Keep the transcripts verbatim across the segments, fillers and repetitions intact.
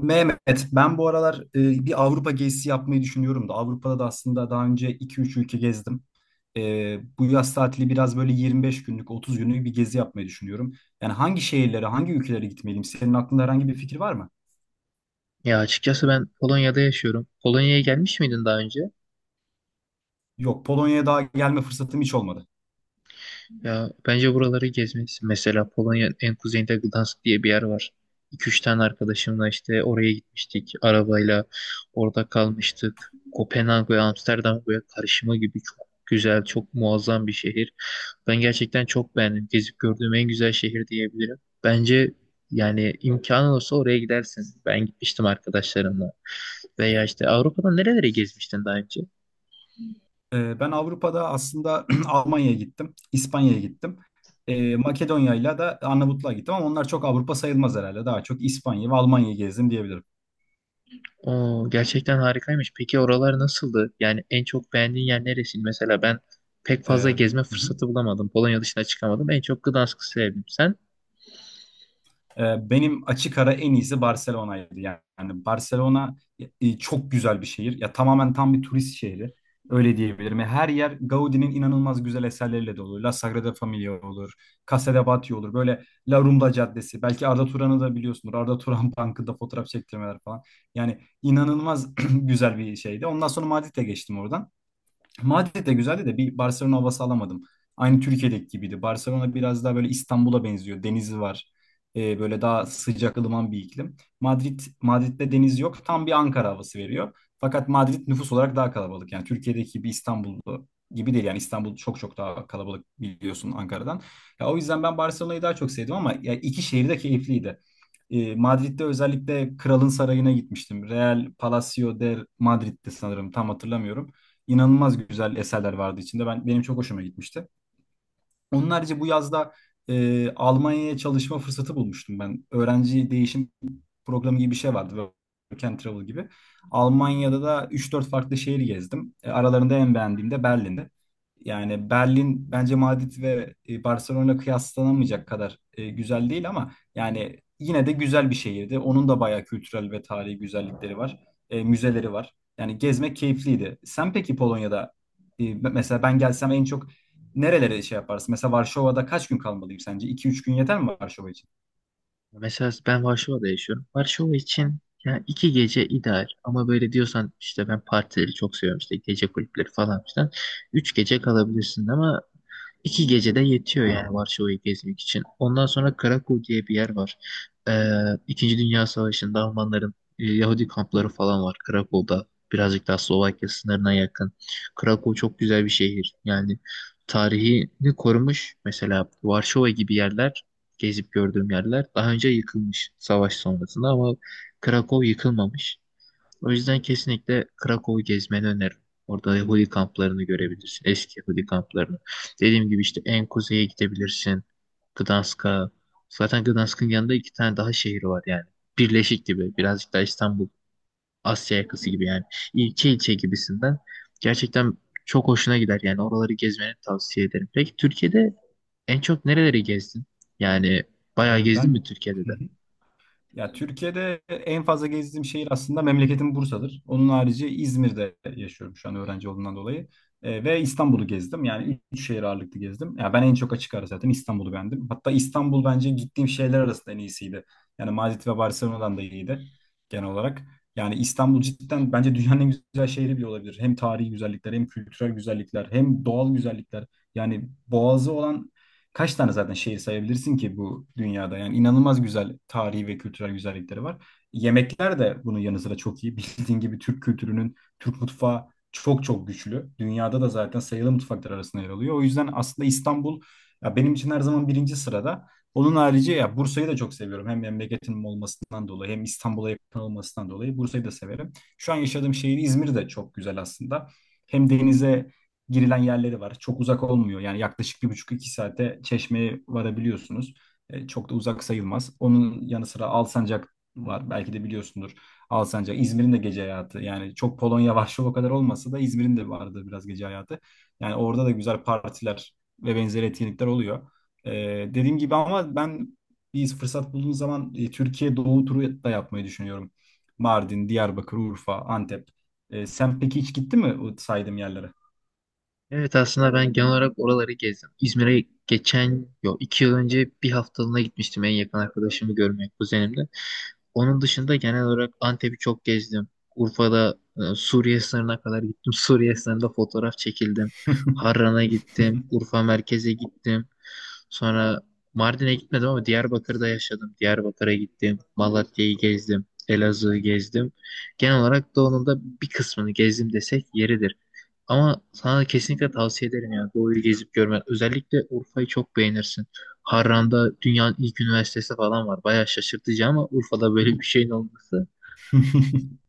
Mehmet, ben bu aralar e, bir Avrupa gezisi yapmayı düşünüyorum da Avrupa'da da aslında daha önce iki üç ülke gezdim. E, bu yaz tatili biraz böyle yirmi beş günlük, otuz günlük bir gezi yapmayı düşünüyorum. Yani hangi şehirlere, hangi ülkelere gitmeliyim? Senin aklında herhangi bir fikir var mı? Ya açıkçası ben Polonya'da yaşıyorum. Polonya'ya gelmiş miydin daha önce? Yok, Polonya'ya daha gelme fırsatım hiç olmadı. Ya bence buraları gezmelisin. Mesela Polonya en kuzeyinde Gdansk diye bir yer var. iki üç tane arkadaşımla işte oraya gitmiştik arabayla. Orada kalmıştık. Kopenhag ve Amsterdam böyle karışımı gibi çok güzel, çok muazzam bir şehir. Ben gerçekten çok beğendim. Gezip gördüğüm en güzel şehir diyebilirim. Bence yani imkanın olsa oraya gidersin. Ben gitmiştim arkadaşlarımla. Veya işte Avrupa'da nerelere gezmiştin daha önce? E, ben Avrupa'da aslında Almanya'ya gittim, İspanya'ya gittim. E, Makedonya'yla da Arnavutluğa gittim ama onlar çok Avrupa sayılmaz herhalde. Daha çok İspanya ve Almanya'yı gezdim diyebilirim. Oo, gerçekten harikaymış. Peki oralar nasıldı? Yani en çok beğendiğin yer neresi? Mesela ben pek E, fazla hı gezme hı. fırsatı bulamadım. Polonya dışına çıkamadım. En çok Gdansk'ı sevdim. Sen? Ee, Benim açık ara en iyisi Barcelona'ydı. Yani Barcelona e, çok güzel bir şehir. Ya tamamen tam bir turist şehri. Öyle diyebilirim. Ya, her yer Gaudi'nin inanılmaz güzel eserleriyle dolu. La Sagrada Familia olur, Casa de Batlló olur. Böyle La Rambla Caddesi. Belki Arda Turan'ı da biliyorsunuz. Arda Turan Bankı'nda fotoğraf çektirmeler falan. Yani inanılmaz güzel bir şeydi. Ondan sonra Madrid'e geçtim oradan. Madrid de güzeldi de bir Barcelona havası alamadım. Aynı Türkiye'deki gibiydi. Barcelona biraz daha böyle İstanbul'a benziyor. Denizi var. Ee, böyle daha sıcak ılıman bir iklim. Madrid Madrid'de deniz yok. Tam bir Ankara havası veriyor. Fakat Madrid nüfus olarak daha kalabalık. Yani Türkiye'deki bir İstanbul gibi değil. Yani İstanbul çok çok daha kalabalık biliyorsun Ankara'dan. Ya, o yüzden ben Barcelona'yı daha çok sevdim ama ya, iki şehir de keyifliydi. Ee, Madrid'de özellikle Kralın Sarayı'na gitmiştim. Real Palacio de Madrid'di sanırım, tam hatırlamıyorum. İnanılmaz güzel eserler vardı içinde. Ben benim çok hoşuma gitmişti. Onun harici bu yazda e, Almanya'ya çalışma fırsatı bulmuştum ben. Öğrenci değişim programı gibi bir şey vardı. Work and Travel gibi. Almanya'da da üç dört farklı şehir gezdim. E, aralarında en beğendiğim de Berlin'di. Yani Berlin bence Madrid ve e, Barcelona kıyaslanamayacak kadar e, güzel değil ama yani yine de güzel bir şehirdi. Onun da bayağı kültürel ve tarihi güzellikleri var. E, müzeleri var. Yani gezmek keyifliydi. Sen peki Polonya'da e, mesela ben gelsem en çok nerelere şey yaparsın? Mesela Varşova'da kaç gün kalmalıyım sence? iki üç gün yeter mi Varşova için? Mesela ben Varşova'da yaşıyorum. Varşova için yani iki gece ideal. Ama böyle diyorsan işte ben partileri çok seviyorum işte gece kulüpleri falan filan. Üç gece kalabilirsin ama iki gecede yetiyor yani Varşova'yı gezmek için. Ondan sonra Krakow diye bir yer var. Ee, İkinci Dünya Savaşı'nda Almanların e, Yahudi kampları falan var Krakow'da. Birazcık daha Slovakya sınırına yakın. Krakow çok güzel bir şehir. Yani tarihini korumuş. Mesela Varşova gibi yerler gezip gördüğüm yerler. Daha önce yıkılmış savaş sonrasında ama Krakow yıkılmamış. O yüzden kesinlikle Krakow'u gezmeni öneririm. Orada Yahudi kamplarını görebilirsin. Eski Yahudi kamplarını. Dediğim gibi işte en kuzeye gidebilirsin. Gdansk'a. Zaten Gdansk'ın yanında iki tane daha şehir var yani. Birleşik gibi. Birazcık daha İstanbul. Asya yakası gibi yani. İlçe ilçe gibisinden. Gerçekten çok hoşuna gider yani. Oraları gezmeni tavsiye ederim. Peki Türkiye'de en çok nereleri gezdin? Yani bayağı Ee, gezdin mi Ben Türkiye'de de? ya Türkiye'de en fazla gezdiğim şehir aslında memleketim Bursa'dır. Onun harici İzmir'de yaşıyorum şu an öğrenci olduğundan dolayı. E, ve İstanbul'u gezdim. Yani üç şehir ağırlıklı gezdim. Ya ben en çok açık ara zaten İstanbul'u beğendim. Hatta İstanbul bence gittiğim şehirler arasında en iyisiydi. Yani Madrid ve Barcelona'dan da iyiydi genel olarak. Yani İstanbul cidden bence dünyanın en güzel şehri bile olabilir. Hem tarihi güzellikler, hem kültürel güzellikler, hem doğal güzellikler. Yani boğazı olan kaç tane zaten şehir sayabilirsin ki bu dünyada? Yani inanılmaz güzel tarihi ve kültürel güzellikleri var. Yemekler de bunun yanı sıra çok iyi. Bildiğin gibi Türk kültürünün, Türk mutfağı çok çok güçlü. Dünyada da zaten sayılı mutfaklar arasında yer alıyor. O yüzden aslında İstanbul ya benim için her zaman birinci sırada. Onun harici ya Bursa'yı da çok seviyorum. Hem memleketimin olmasından dolayı hem İstanbul'a yakın olmasından dolayı Bursa'yı da severim. Şu an yaşadığım şehir İzmir de çok güzel aslında. Hem denize girilen yerleri var. Çok uzak olmuyor. Yani yaklaşık bir buçuk iki saate Çeşme'ye varabiliyorsunuz. E, çok da uzak sayılmaz. Onun yanı sıra Alsancak var. Belki de biliyorsundur. Alsancak, İzmir'in de gece hayatı. Yani çok Polonya, Varşova kadar olmasa da İzmir'in de vardı biraz gece hayatı. Yani orada da güzel partiler ve benzeri etkinlikler oluyor. E, Dediğim gibi ama ben bir fırsat bulduğum zaman e, Türkiye Doğu turu da yapmayı düşünüyorum. Mardin, Diyarbakır, Urfa, Antep. E, sen peki hiç gittin mi o saydığım yerlere? Evet aslında ben genel olarak oraları gezdim. İzmir'e geçen, yok iki yıl önce bir haftalığına gitmiştim en yakın arkadaşımı görmeye kuzenimle. Onun dışında genel olarak Antep'i çok gezdim. Urfa'da e, Suriye sınırına kadar gittim. Suriye sınırında fotoğraf çekildim. Harran'a gittim. Urfa merkeze gittim. Sonra Mardin'e gitmedim ama Diyarbakır'da yaşadım. Diyarbakır'a gittim. Malatya'yı gezdim. Elazığ'ı gezdim. Genel olarak doğunun da bir kısmını gezdim desek yeridir. Ama sana kesinlikle tavsiye ederim ya doğuyu gezip görmen. Özellikle Urfa'yı çok beğenirsin. Harran'da dünyanın ilk üniversitesi falan var. Bayağı şaşırtıcı ama Urfa'da böyle bir şeyin olması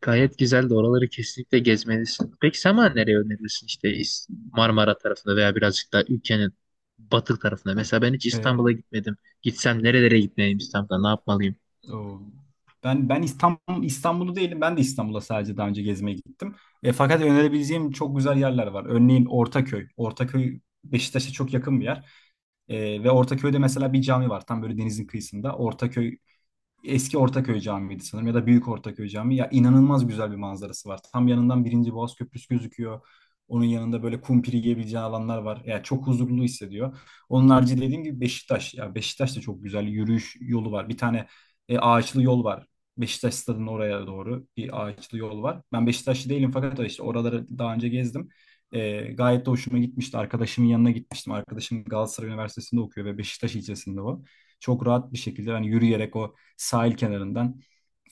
gayet güzel de oraları kesinlikle gezmelisin. Peki sen bana nereye önerirsin işte İs- Marmara tarafında veya birazcık daha ülkenin batı tarafında. Mesela ben hiç Ee, İstanbul'a gitmedim. Gitsem nerelere gitmeliyim İstanbul'da ne yapmalıyım? o- ben ben İstanbul İstanbul'u değilim. Ben de İstanbul'a sadece daha önce gezmeye gittim. E, fakat önerebileceğim çok güzel yerler var. Örneğin Ortaköy. Ortaköy Beşiktaş'a çok yakın bir yer. E, ve Ortaköy'de mesela bir cami var. Tam böyle denizin kıyısında. Ortaköy Eski Ortaköy Camii'ydi sanırım ya da Büyük Ortaköy Camii. Ya inanılmaz güzel bir manzarası var. Tam yanından Birinci Boğaz Köprüsü gözüküyor. Onun yanında böyle kumpiri yiyebileceği alanlar var. Yani çok huzurlu hissediyor. Onun harici dediğim gibi Beşiktaş. Ya Beşiktaş'ta çok güzel yürüyüş yolu var. Bir tane e, ağaçlı yol var. Beşiktaş stadının oraya doğru bir ağaçlı yol var. Ben Beşiktaşlı değilim fakat işte oraları daha önce gezdim. E, gayet de hoşuma gitmişti. Arkadaşımın yanına gitmiştim. Arkadaşım Galatasaray Üniversitesi'nde okuyor ve Beşiktaş ilçesinde o. Çok rahat bir şekilde hani yürüyerek o sahil kenarından,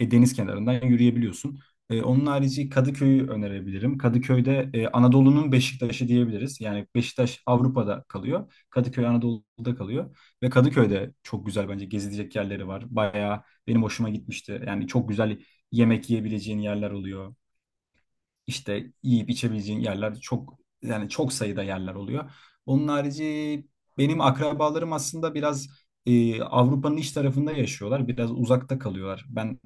e, deniz kenarından yürüyebiliyorsun. E, onun harici Kadıköy'ü önerebilirim. Kadıköy'de e, Anadolu'nun Beşiktaş'ı diyebiliriz. Yani Beşiktaş Avrupa'da kalıyor. Kadıköy Anadolu'da kalıyor. Ve Kadıköy'de çok güzel bence gezilecek yerleri var. Bayağı benim hoşuma gitmişti. Yani çok güzel yemek yiyebileceğin yerler oluyor. İşte yiyip içebileceğin yerler çok, yani çok sayıda yerler oluyor. Onun harici benim akrabalarım aslında biraz e, Avrupa'nın iç tarafında yaşıyorlar. Biraz uzakta kalıyorlar. Ben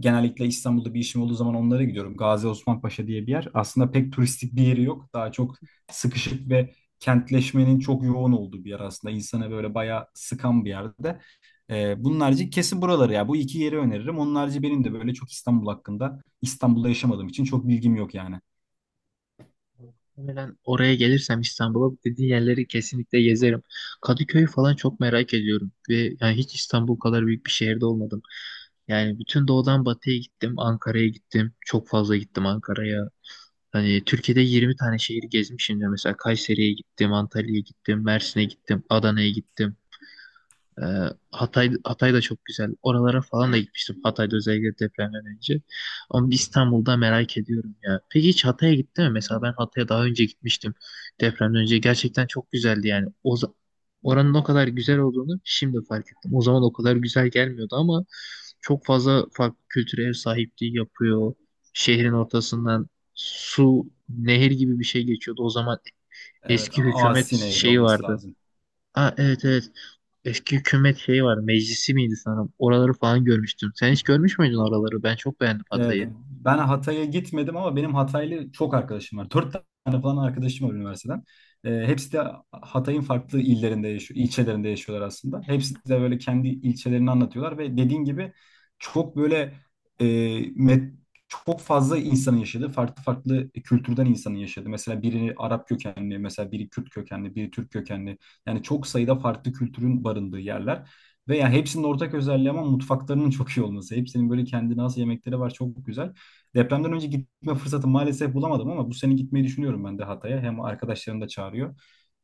genellikle İstanbul'da bir işim olduğu zaman onlara gidiyorum. Gazi Osman Paşa diye bir yer. Aslında pek turistik bir yeri yok. Daha çok sıkışık ve kentleşmenin çok yoğun olduğu bir yer aslında. İnsanı böyle bayağı sıkan bir yerde. E, bunun harici kesin buraları ya. Bu iki yeri öneririm. Onun harici benim de böyle çok İstanbul hakkında İstanbul'da yaşamadığım için çok bilgim yok yani. Muhtemelen oraya gelirsem İstanbul'a bu dediğin yerleri kesinlikle gezerim. Kadıköy'ü falan çok merak ediyorum ve yani hiç İstanbul kadar büyük bir şehirde olmadım. Yani bütün doğudan batıya gittim, Ankara'ya gittim. Çok fazla gittim Ankara'ya. Hani Türkiye'de yirmi tane şehir gezmişim de mesela Kayseri'ye gittim, Antalya'ya gittim, Mersin'e gittim, Adana'ya gittim. Ee, Hatay, Hatay da çok güzel. Oralara falan da gitmiştim. Hatay'da özellikle depremden önce. Ama İstanbul'da merak ediyorum ya. Peki hiç Hatay'a gitti mi? Mesela ben Hatay'a daha önce gitmiştim. Depremden önce gerçekten çok güzeldi yani. O za- oranın o kadar güzel olduğunu şimdi fark ettim. O zaman o kadar güzel gelmiyordu ama çok fazla farklı kültüre ev sahipliği yapıyor. Şehrin ortasından su, nehir gibi bir şey geçiyordu. O zaman Evet, eski hükümet Asi Nehri şeyi olması vardı. lazım. Aa, evet evet. Eski hükümet şeyi var. Meclisi miydi sanırım? Oraları falan görmüştüm. Sen hiç görmüş müydün oraları? Ben çok beğendim Ee, Hatay'ı. Ben Hatay'a gitmedim ama benim Hataylı çok arkadaşım var. Dört tane falan arkadaşım var üniversiteden. Ee, hepsi de Hatay'ın farklı illerinde yaşıyor, ilçelerinde yaşıyorlar aslında. Hepsi de böyle kendi ilçelerini anlatıyorlar ve dediğin gibi çok böyle e, met- çok fazla insanın yaşadığı, farklı farklı kültürden insanın yaşadığı. Mesela biri Arap kökenli, mesela biri Kürt kökenli, biri Türk kökenli. Yani çok sayıda farklı kültürün barındığı yerler. Ve yani hepsinin ortak özelliği ama mutfaklarının çok iyi olması. Hepsinin böyle kendine has yemekleri var. Çok güzel. Depremden önce gitme fırsatı maalesef bulamadım ama bu sene gitmeyi düşünüyorum ben de Hatay'a. Hem arkadaşlarım da çağırıyor.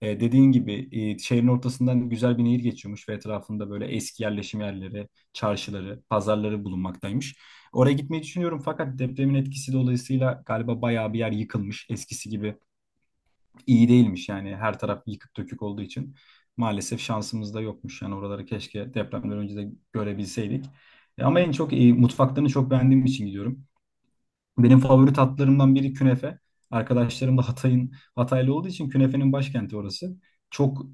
E, dediğin gibi e, şehrin ortasından güzel bir nehir geçiyormuş ve etrafında böyle eski yerleşim yerleri, çarşıları, pazarları bulunmaktaymış. Oraya gitmeyi düşünüyorum fakat depremin etkisi dolayısıyla galiba bayağı bir yer yıkılmış. Eskisi gibi iyi değilmiş, yani her taraf yıkık dökük olduğu için maalesef şansımız da yokmuş. Yani oraları keşke depremden önce de görebilseydik. E, Ama en çok e, mutfaklarını çok beğendiğim için gidiyorum. Benim favori tatlarımdan biri künefe. Arkadaşlarım da Hatay'ın Hataylı olduğu için künefenin başkenti orası. Çok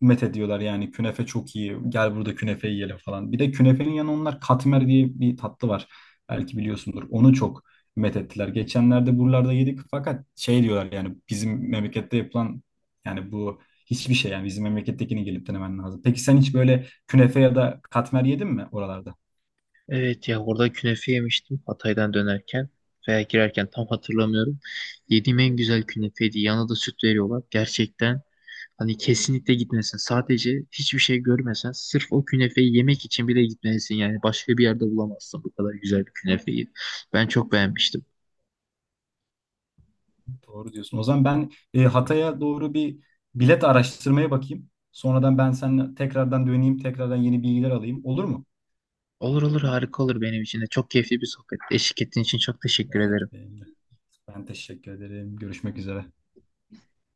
met ediyorlar, yani künefe çok iyi. Gel burada künefe yiyelim falan. Bir de künefenin yanı onlar katmer diye bir tatlı var. Belki biliyorsundur. Onu çok met ettiler. Geçenlerde buralarda yedik fakat şey diyorlar, yani bizim memlekette yapılan yani bu hiçbir şey, yani bizim memlekettekini gelip denemen lazım. Peki sen hiç böyle künefe ya da katmer yedin mi oralarda? Evet ya orada künefe yemiştim Hatay'dan dönerken veya girerken tam hatırlamıyorum. Yediğim en güzel künefeydi. Yanına da süt veriyorlar. Gerçekten hani kesinlikle gitmesin. Sadece hiçbir şey görmesen sırf o künefeyi yemek için bile gitmelisin. Yani başka bir yerde bulamazsın bu kadar güzel bir künefeyi. Ben çok beğenmiştim. Doğru diyorsun. O zaman ben e, Hatay'a doğru bir bilet araştırmaya bakayım. Sonradan ben seninle tekrardan döneyim, tekrardan yeni bilgiler alayım. Olur mu? Olur olur harika olur benim için de. Çok keyifli bir sohbet. Eşlik ettiğin için çok teşekkür Evet, ederim. benim de. Ben teşekkür ederim. Görüşmek üzere.